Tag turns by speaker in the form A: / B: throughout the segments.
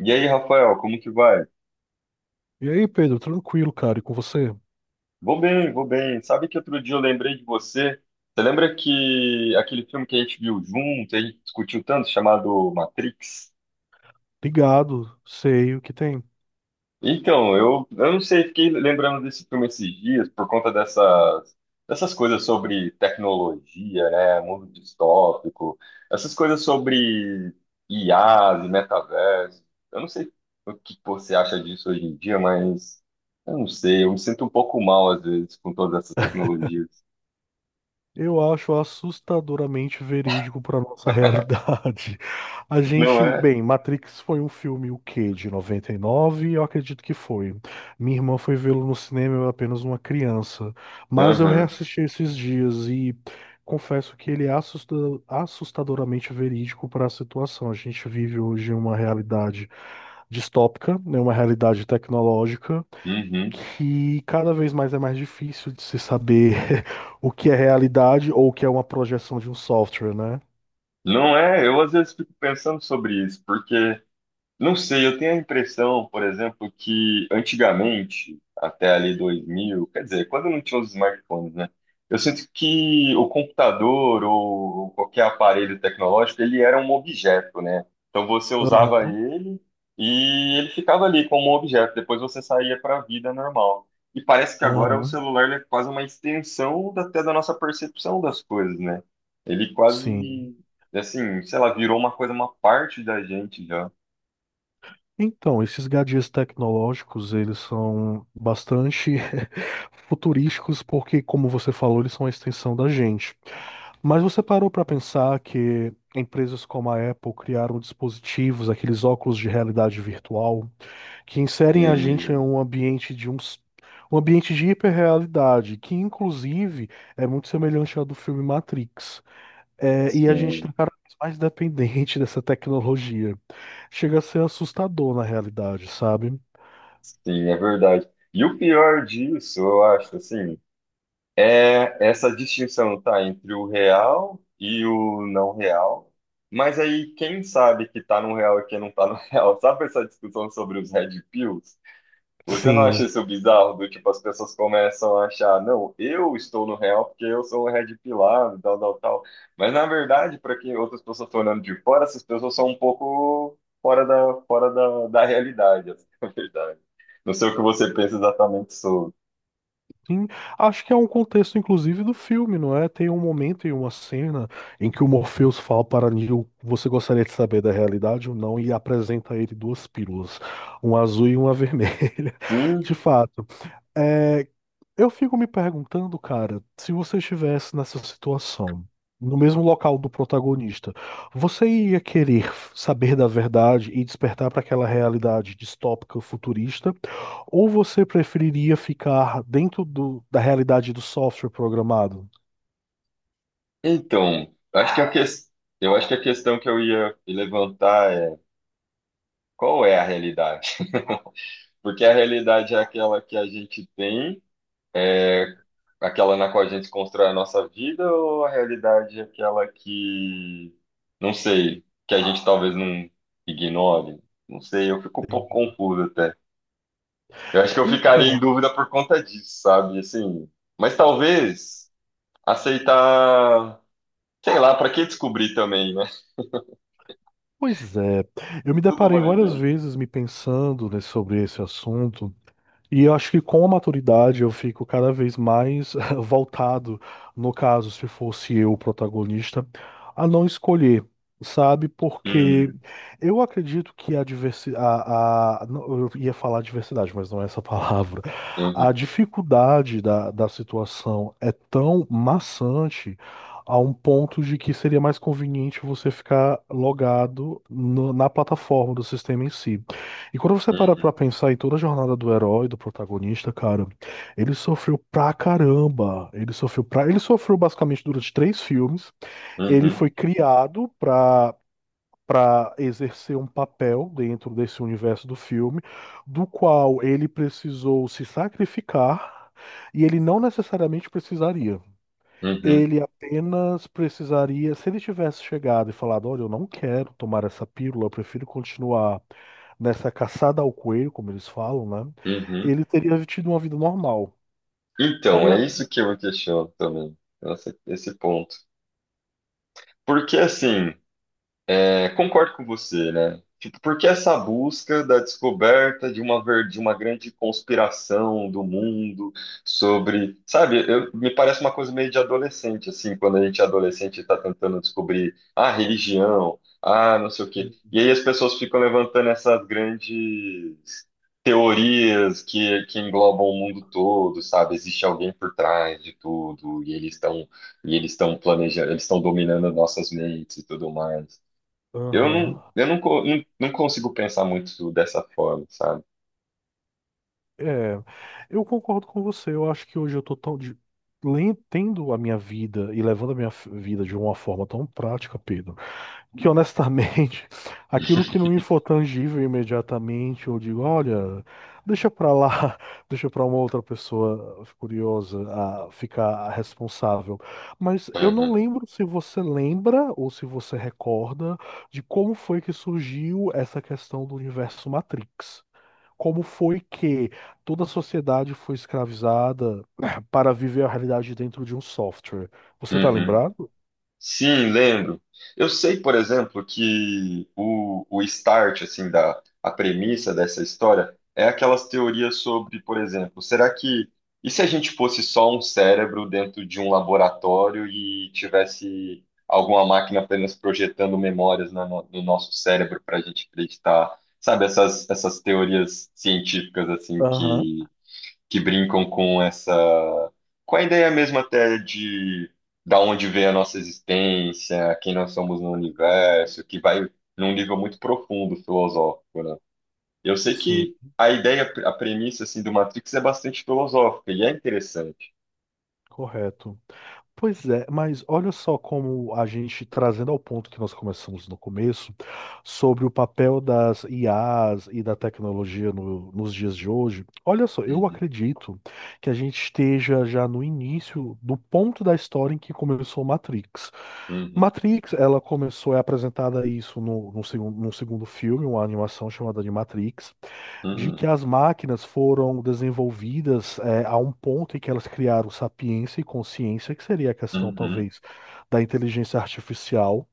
A: E aí, Rafael, como que vai?
B: E aí, Pedro, tranquilo, cara, e com você?
A: Vou bem, vou bem. Sabe que outro dia eu lembrei de você? Você lembra que aquele filme que a gente viu junto, a gente discutiu tanto, chamado Matrix?
B: Ligado, sei o que tem.
A: Então, eu não sei, fiquei lembrando desse filme esses dias por conta dessas coisas sobre tecnologia, né, mundo distópico, essas coisas sobre IAs e metaverso. Eu não sei o que você acha disso hoje em dia, mas eu não sei, eu me sinto um pouco mal às vezes com todas essas tecnologias.
B: Eu acho assustadoramente verídico para nossa realidade. A
A: Não
B: gente,
A: é?
B: bem, Matrix foi um filme o quê? De 99? Eu acredito que foi. Minha irmã foi vê-lo no cinema, eu era apenas uma criança, mas eu
A: Aham,
B: reassisti esses dias e confesso que ele é assustadoramente verídico para a situação. A gente vive hoje uma realidade distópica, né, uma realidade tecnológica
A: uhum.
B: que cada vez mais é mais difícil de se saber o que é realidade ou o que é uma projeção de um software, né?
A: Não é? Eu às vezes fico pensando sobre isso, porque não sei, eu tenho a impressão, por exemplo, que antigamente, até ali 2000, quer dizer, quando não tinha os smartphones, né? Eu sinto que o computador ou qualquer aparelho tecnológico, ele era um objeto, né? Então você usava
B: Aham,
A: ele e ele ficava ali como um objeto, depois você saía para a vida normal. E parece que agora o
B: aham,
A: celular ele é quase uma extensão até da nossa percepção das coisas, né? Ele
B: sim.
A: quase, assim, sei lá, virou uma coisa, uma parte da gente já.
B: Então, esses gadgets tecnológicos, eles são bastante futurísticos porque, como você falou, eles são a extensão da gente. Mas você parou para pensar que empresas como a Apple criaram dispositivos, aqueles óculos de realidade virtual, que inserem a gente em
A: Sim,
B: um ambiente um ambiente de hiperrealidade, que inclusive é muito semelhante ao do filme Matrix. É, e a gente
A: sim,
B: tá cada vez mais dependente dessa tecnologia. Chega a ser assustador na realidade, sabe?
A: sim, é verdade. E o pior disso, eu acho, assim, é essa distinção, tá, entre o real e o não real. Mas aí, quem sabe que tá no real e quem não tá no real? Sabe essa discussão sobre os Red Pills? Você não acha
B: Sim.
A: isso bizarro? Do tipo, as pessoas começam a achar, não, eu estou no real porque eu sou um red pilado, tal, tal, tal. Mas na verdade, para quem outras pessoas estão olhando de fora, essas pessoas são um pouco fora da, da realidade, essa é a verdade. Não sei o que você pensa exatamente sobre.
B: Sim, acho que é um contexto, inclusive, do filme, não é? Tem um momento e uma cena em que o Morpheus fala para Neo, você gostaria de saber da realidade ou não, e apresenta a ele duas pílulas, uma azul e uma vermelha. De
A: Sim,
B: fato. É, eu fico me perguntando, cara, se você estivesse nessa situação, no mesmo local do protagonista, você ia querer saber da verdade e despertar para aquela realidade distópica futurista, ou você preferiria ficar dentro da realidade do software programado?
A: então, acho que a que... eu acho que a questão que eu ia levantar é qual é a realidade? Porque a realidade é aquela que a gente tem. É aquela na qual a gente constrói a nossa vida ou a realidade é aquela que, não sei, que a gente talvez não ignore? Não sei, eu fico um pouco
B: Entendi.
A: confuso até. Eu acho que eu ficaria em
B: Então,
A: dúvida por conta disso, sabe? Assim, mas talvez aceitar, sei lá, para que descobrir também, né?
B: pois é, eu
A: Se
B: me
A: tudo
B: deparei
A: vale
B: várias
A: bem.
B: vezes me pensando, né, sobre esse assunto, e eu acho que com a maturidade eu fico cada vez mais voltado, no caso, se fosse eu o protagonista, a não escolher, sabe? Porque
A: Hum,
B: eu acredito que a diversidade. Não, eu ia falar diversidade, mas não é essa palavra. A
A: uhum,
B: dificuldade da situação é tão maçante a um ponto de que seria mais conveniente você ficar logado na plataforma do sistema em si. E quando você para pra
A: uhum,
B: pensar em toda a jornada do herói, do protagonista, cara, ele sofreu pra caramba. Ele sofreu pra... Ele sofreu basicamente durante três filmes. Ele foi
A: uhum,
B: criado pra exercer um papel dentro desse universo do filme, do qual ele precisou se sacrificar e ele não necessariamente precisaria.
A: uhum,
B: Ele apenas precisaria, se ele tivesse chegado e falado, olha, eu não quero tomar essa pílula, eu prefiro continuar nessa caçada ao coelho, como eles falam, né?
A: uhum.
B: Ele teria tido uma vida normal.
A: Então,
B: Aí
A: é isso que eu me questiono também. Nossa, esse ponto. Porque assim, é, concordo com você, né? Tipo, porque essa busca da descoberta de uma grande conspiração do mundo sobre, sabe, me parece uma coisa meio de adolescente, assim, quando a gente é adolescente e tá tentando descobrir a religião, ah, não sei o quê.
B: assim,
A: E aí as pessoas ficam levantando essas grandes teorias que englobam o mundo todo, sabe? Existe alguém por trás de tudo, e eles estão planejando, eles estão dominando nossas mentes e tudo mais.
B: aham.
A: Eu não, co- não, não consigo pensar muito dessa forma, sabe?
B: É, eu concordo com você. Eu acho que hoje eu tô tão de, tendo a minha vida e levando a minha vida de uma forma tão prática, Pedro. Que honestamente, aquilo que não me for tangível imediatamente, eu digo, olha, deixa pra lá, deixa pra uma outra pessoa curiosa a ficar responsável. Mas eu não
A: Aham,
B: lembro se você lembra ou se você recorda de como foi que surgiu essa questão do universo Matrix. Como foi que toda a sociedade foi escravizada para viver a realidade dentro de um software? Você tá
A: uhum.
B: lembrado?
A: Sim, lembro. Eu sei, por exemplo, que o start, assim, da, a premissa dessa história é aquelas teorias sobre, por exemplo, será que, e se a gente fosse só um cérebro dentro de um laboratório e tivesse alguma máquina apenas projetando memórias na no, no nosso cérebro para a gente acreditar? Sabe, essas teorias científicas, assim,
B: Aham.
A: que brincam com essa, com a ideia mesmo até de da onde vem a nossa existência, quem nós somos no universo, que vai num nível muito profundo filosófico, né? Eu sei
B: Sim,
A: que a ideia, a premissa assim do Matrix é bastante filosófica e é interessante.
B: correto. Pois é, mas olha só como a gente trazendo ao ponto que nós começamos no começo, sobre o papel das IAs e da tecnologia nos dias de hoje. Olha só, eu
A: Uhum,
B: acredito que a gente esteja já no início do ponto da história em que começou Matrix.
A: uhum,
B: Matrix, ela começou, é apresentada isso no segundo filme, uma animação chamada de Matrix de
A: uhum,
B: que as máquinas foram desenvolvidas é, a um ponto em que elas criaram sapiência e consciência, que seria a questão,
A: uhum,
B: talvez, da inteligência artificial.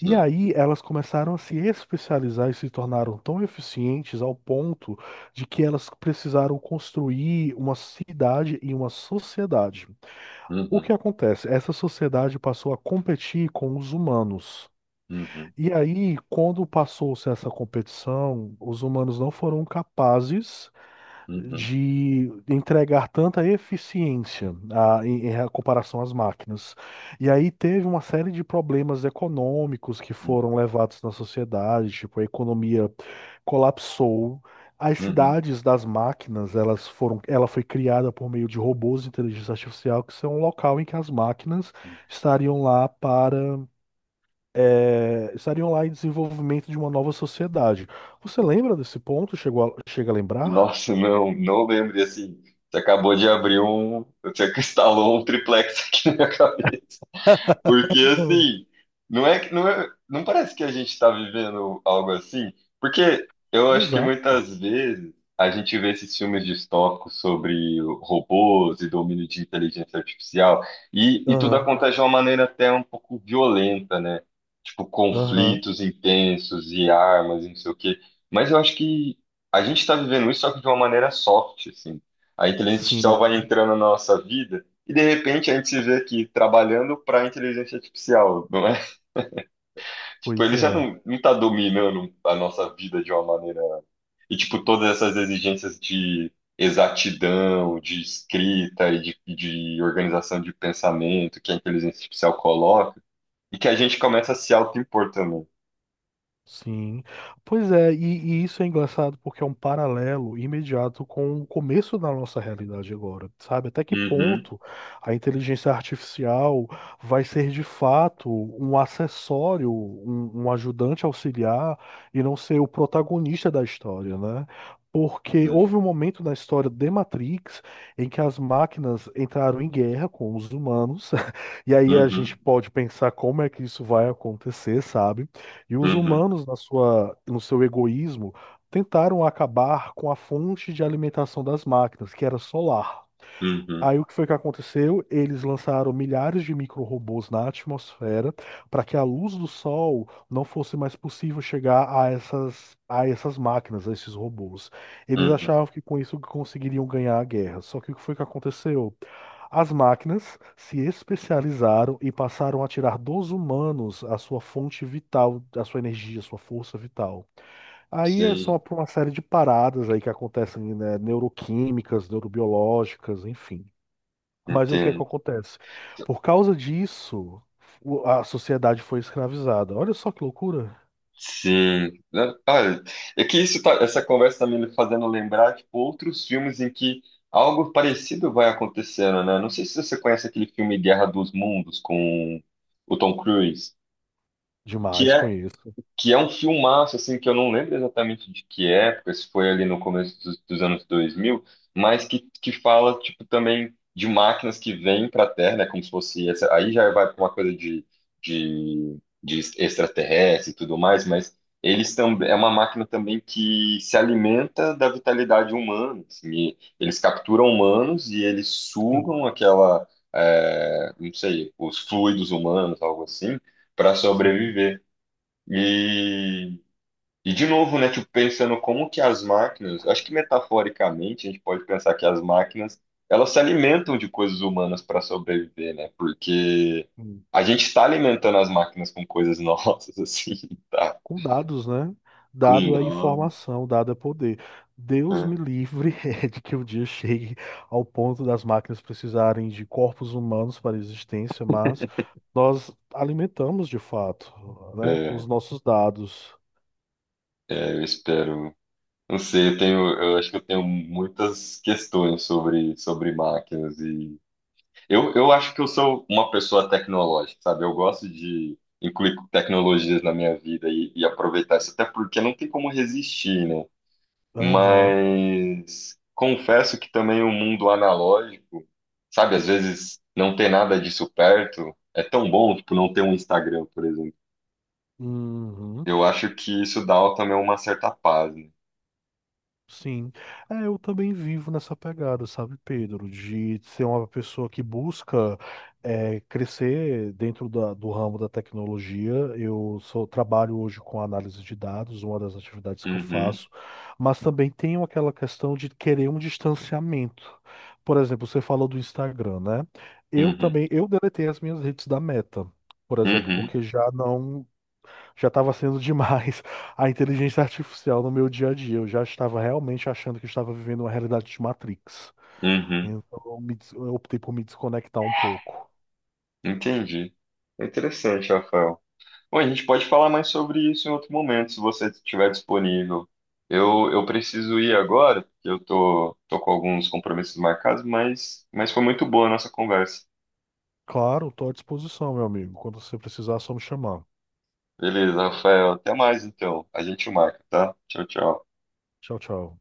B: E aí elas começaram a se especializar e se tornaram tão eficientes ao ponto de que elas precisaram construir uma cidade e uma sociedade. O
A: uhum,
B: que acontece? Essa sociedade passou a competir com os humanos.
A: uhum,
B: E aí, quando passou-se essa competição, os humanos não foram capazes
A: uhum,
B: de entregar tanta eficiência em, em comparação às máquinas. E aí teve uma série de problemas econômicos que foram levados na sociedade, tipo, a economia colapsou. As
A: uhum,
B: cidades das máquinas, elas foram, ela foi criada por meio de robôs de inteligência artificial, que são um local em que as máquinas
A: uhum.
B: estariam lá para, eh, estariam lá em desenvolvimento de uma nova sociedade. Você lembra desse ponto? Chega a lembrar?
A: Nossa, não, não lembro. E assim, você acabou de abrir um. Você instalou um triplex aqui na minha cabeça. Porque assim, não é que não é, não parece que a gente está vivendo algo assim, porque eu acho que
B: Exato.
A: muitas vezes a gente vê esses filmes distópicos sobre robôs e domínio de inteligência artificial e tudo
B: Aham,
A: acontece de uma maneira até um pouco violenta, né? Tipo,
B: aham.
A: conflitos intensos e armas e não sei o quê. Mas eu acho que a gente está vivendo isso só que de uma maneira soft, assim. A inteligência artificial vai
B: Sim,
A: entrando na nossa vida e de repente a gente se vê aqui trabalhando para inteligência artificial, não é? Tipo,
B: pois
A: ele já
B: é.
A: não, não tá dominando a nossa vida de uma maneira. E, tipo, todas essas exigências de exatidão, de escrita e de organização de pensamento que a inteligência artificial coloca, e que a gente começa a se auto-impor também.
B: Sim. Pois é, e isso é engraçado porque é um paralelo imediato com o começo da nossa realidade agora, sabe? Até que
A: Uhum,
B: ponto a inteligência artificial vai ser de fato um acessório, um ajudante auxiliar e não ser o protagonista da história, né? Porque
A: uhum,
B: houve um momento na história de Matrix em que as máquinas entraram em guerra com os humanos, e aí a
A: uhum,
B: gente pode pensar como é que isso vai acontecer, sabe? E os
A: uhum,
B: humanos, na sua, no seu egoísmo, tentaram acabar com a fonte de alimentação das máquinas, que era solar.
A: uhum,
B: Aí o que foi que aconteceu? Eles lançaram milhares de micro-robôs na atmosfera para que a luz do sol não fosse mais possível chegar a essas máquinas, a esses robôs. Eles
A: uhum.
B: achavam que com isso conseguiriam ganhar a guerra. Só que o que foi que aconteceu? As máquinas se especializaram e passaram a tirar dos humanos a sua fonte vital, a sua energia, a sua força vital. Aí é só
A: Sim,
B: por uma série de paradas aí que acontecem, né, neuroquímicas, neurobiológicas, enfim. Mas o que é que
A: entendo.
B: acontece? Por causa disso, a sociedade foi escravizada. Olha só que loucura.
A: Sim, né? Olha, é que isso tá, essa conversa tá me fazendo lembrar, tipo, outros filmes em que algo parecido vai acontecendo, né? Não sei se você conhece aquele filme Guerra dos Mundos com o Tom Cruise, que
B: Demais,
A: é
B: conheço.
A: que é um filmaço, assim, que eu não lembro exatamente de que época, se foi ali no começo dos anos 2000, mas que fala, tipo, também de máquinas que vêm para a Terra, né, como se fosse, essa, aí já vai para uma coisa de, de, de extraterrestre e tudo mais, mas eles também, é uma máquina também que se alimenta da vitalidade humana, assim, e eles capturam humanos e eles
B: Sim,
A: sugam aquela, é, não sei, os fluidos humanos, algo assim, para
B: sim.
A: sobreviver. E, e de novo, né, tipo, pensando como que as máquinas, acho que metaforicamente a gente pode pensar que as máquinas, elas se alimentam de coisas humanas para sobreviver, né? Porque a gente está alimentando as máquinas com coisas nossas, assim, tá?
B: Com dados, né?
A: Com
B: Dado é
A: nome,
B: informação, dado é poder. Deus me
A: né?
B: livre de que o dia chegue ao ponto das máquinas precisarem de corpos humanos para a existência, mas nós alimentamos de fato, né, com os
A: É,
B: nossos dados.
A: é, eu espero. Não sei, eu tenho, eu acho que eu tenho muitas questões sobre, máquinas. Eu acho que eu sou uma pessoa tecnológica, sabe? Eu gosto de incluir tecnologias na minha vida e aproveitar isso, até porque não tem como resistir, né?
B: Aham.
A: Mas confesso que também o mundo analógico, sabe? Às vezes não ter nada disso perto é tão bom, tipo, não ter um Instagram, por exemplo.
B: Uhum.
A: Eu acho que isso dá também uma certa paz, né?
B: Sim, é, eu também vivo nessa pegada, sabe, Pedro, de ser uma pessoa que busca é, crescer dentro do ramo da tecnologia. Eu sou, trabalho hoje com análise de dados, uma das atividades que eu
A: Uhum,
B: faço, mas também tenho aquela questão de querer um distanciamento. Por exemplo, você falou do Instagram, né? Eu
A: uhum,
B: também, eu deletei as minhas redes da Meta, por exemplo,
A: uhum,
B: porque já não já estava sendo demais a inteligência artificial no meu dia a dia. Eu já estava realmente achando que estava vivendo uma realidade de Matrix.
A: uhum.
B: Então, eu optei por me desconectar um pouco.
A: Entendi. É interessante, Rafael. Bom, a gente pode falar mais sobre isso em outro momento, se você estiver disponível. Eu preciso ir agora, porque eu tô com alguns compromissos marcados, mas foi muito boa a nossa conversa.
B: Claro, estou à disposição, meu amigo. Quando você precisar, é só me chamar.
A: Beleza, Rafael, até mais então. A gente marca, tá? Tchau, tchau.
B: Tchau, tchau.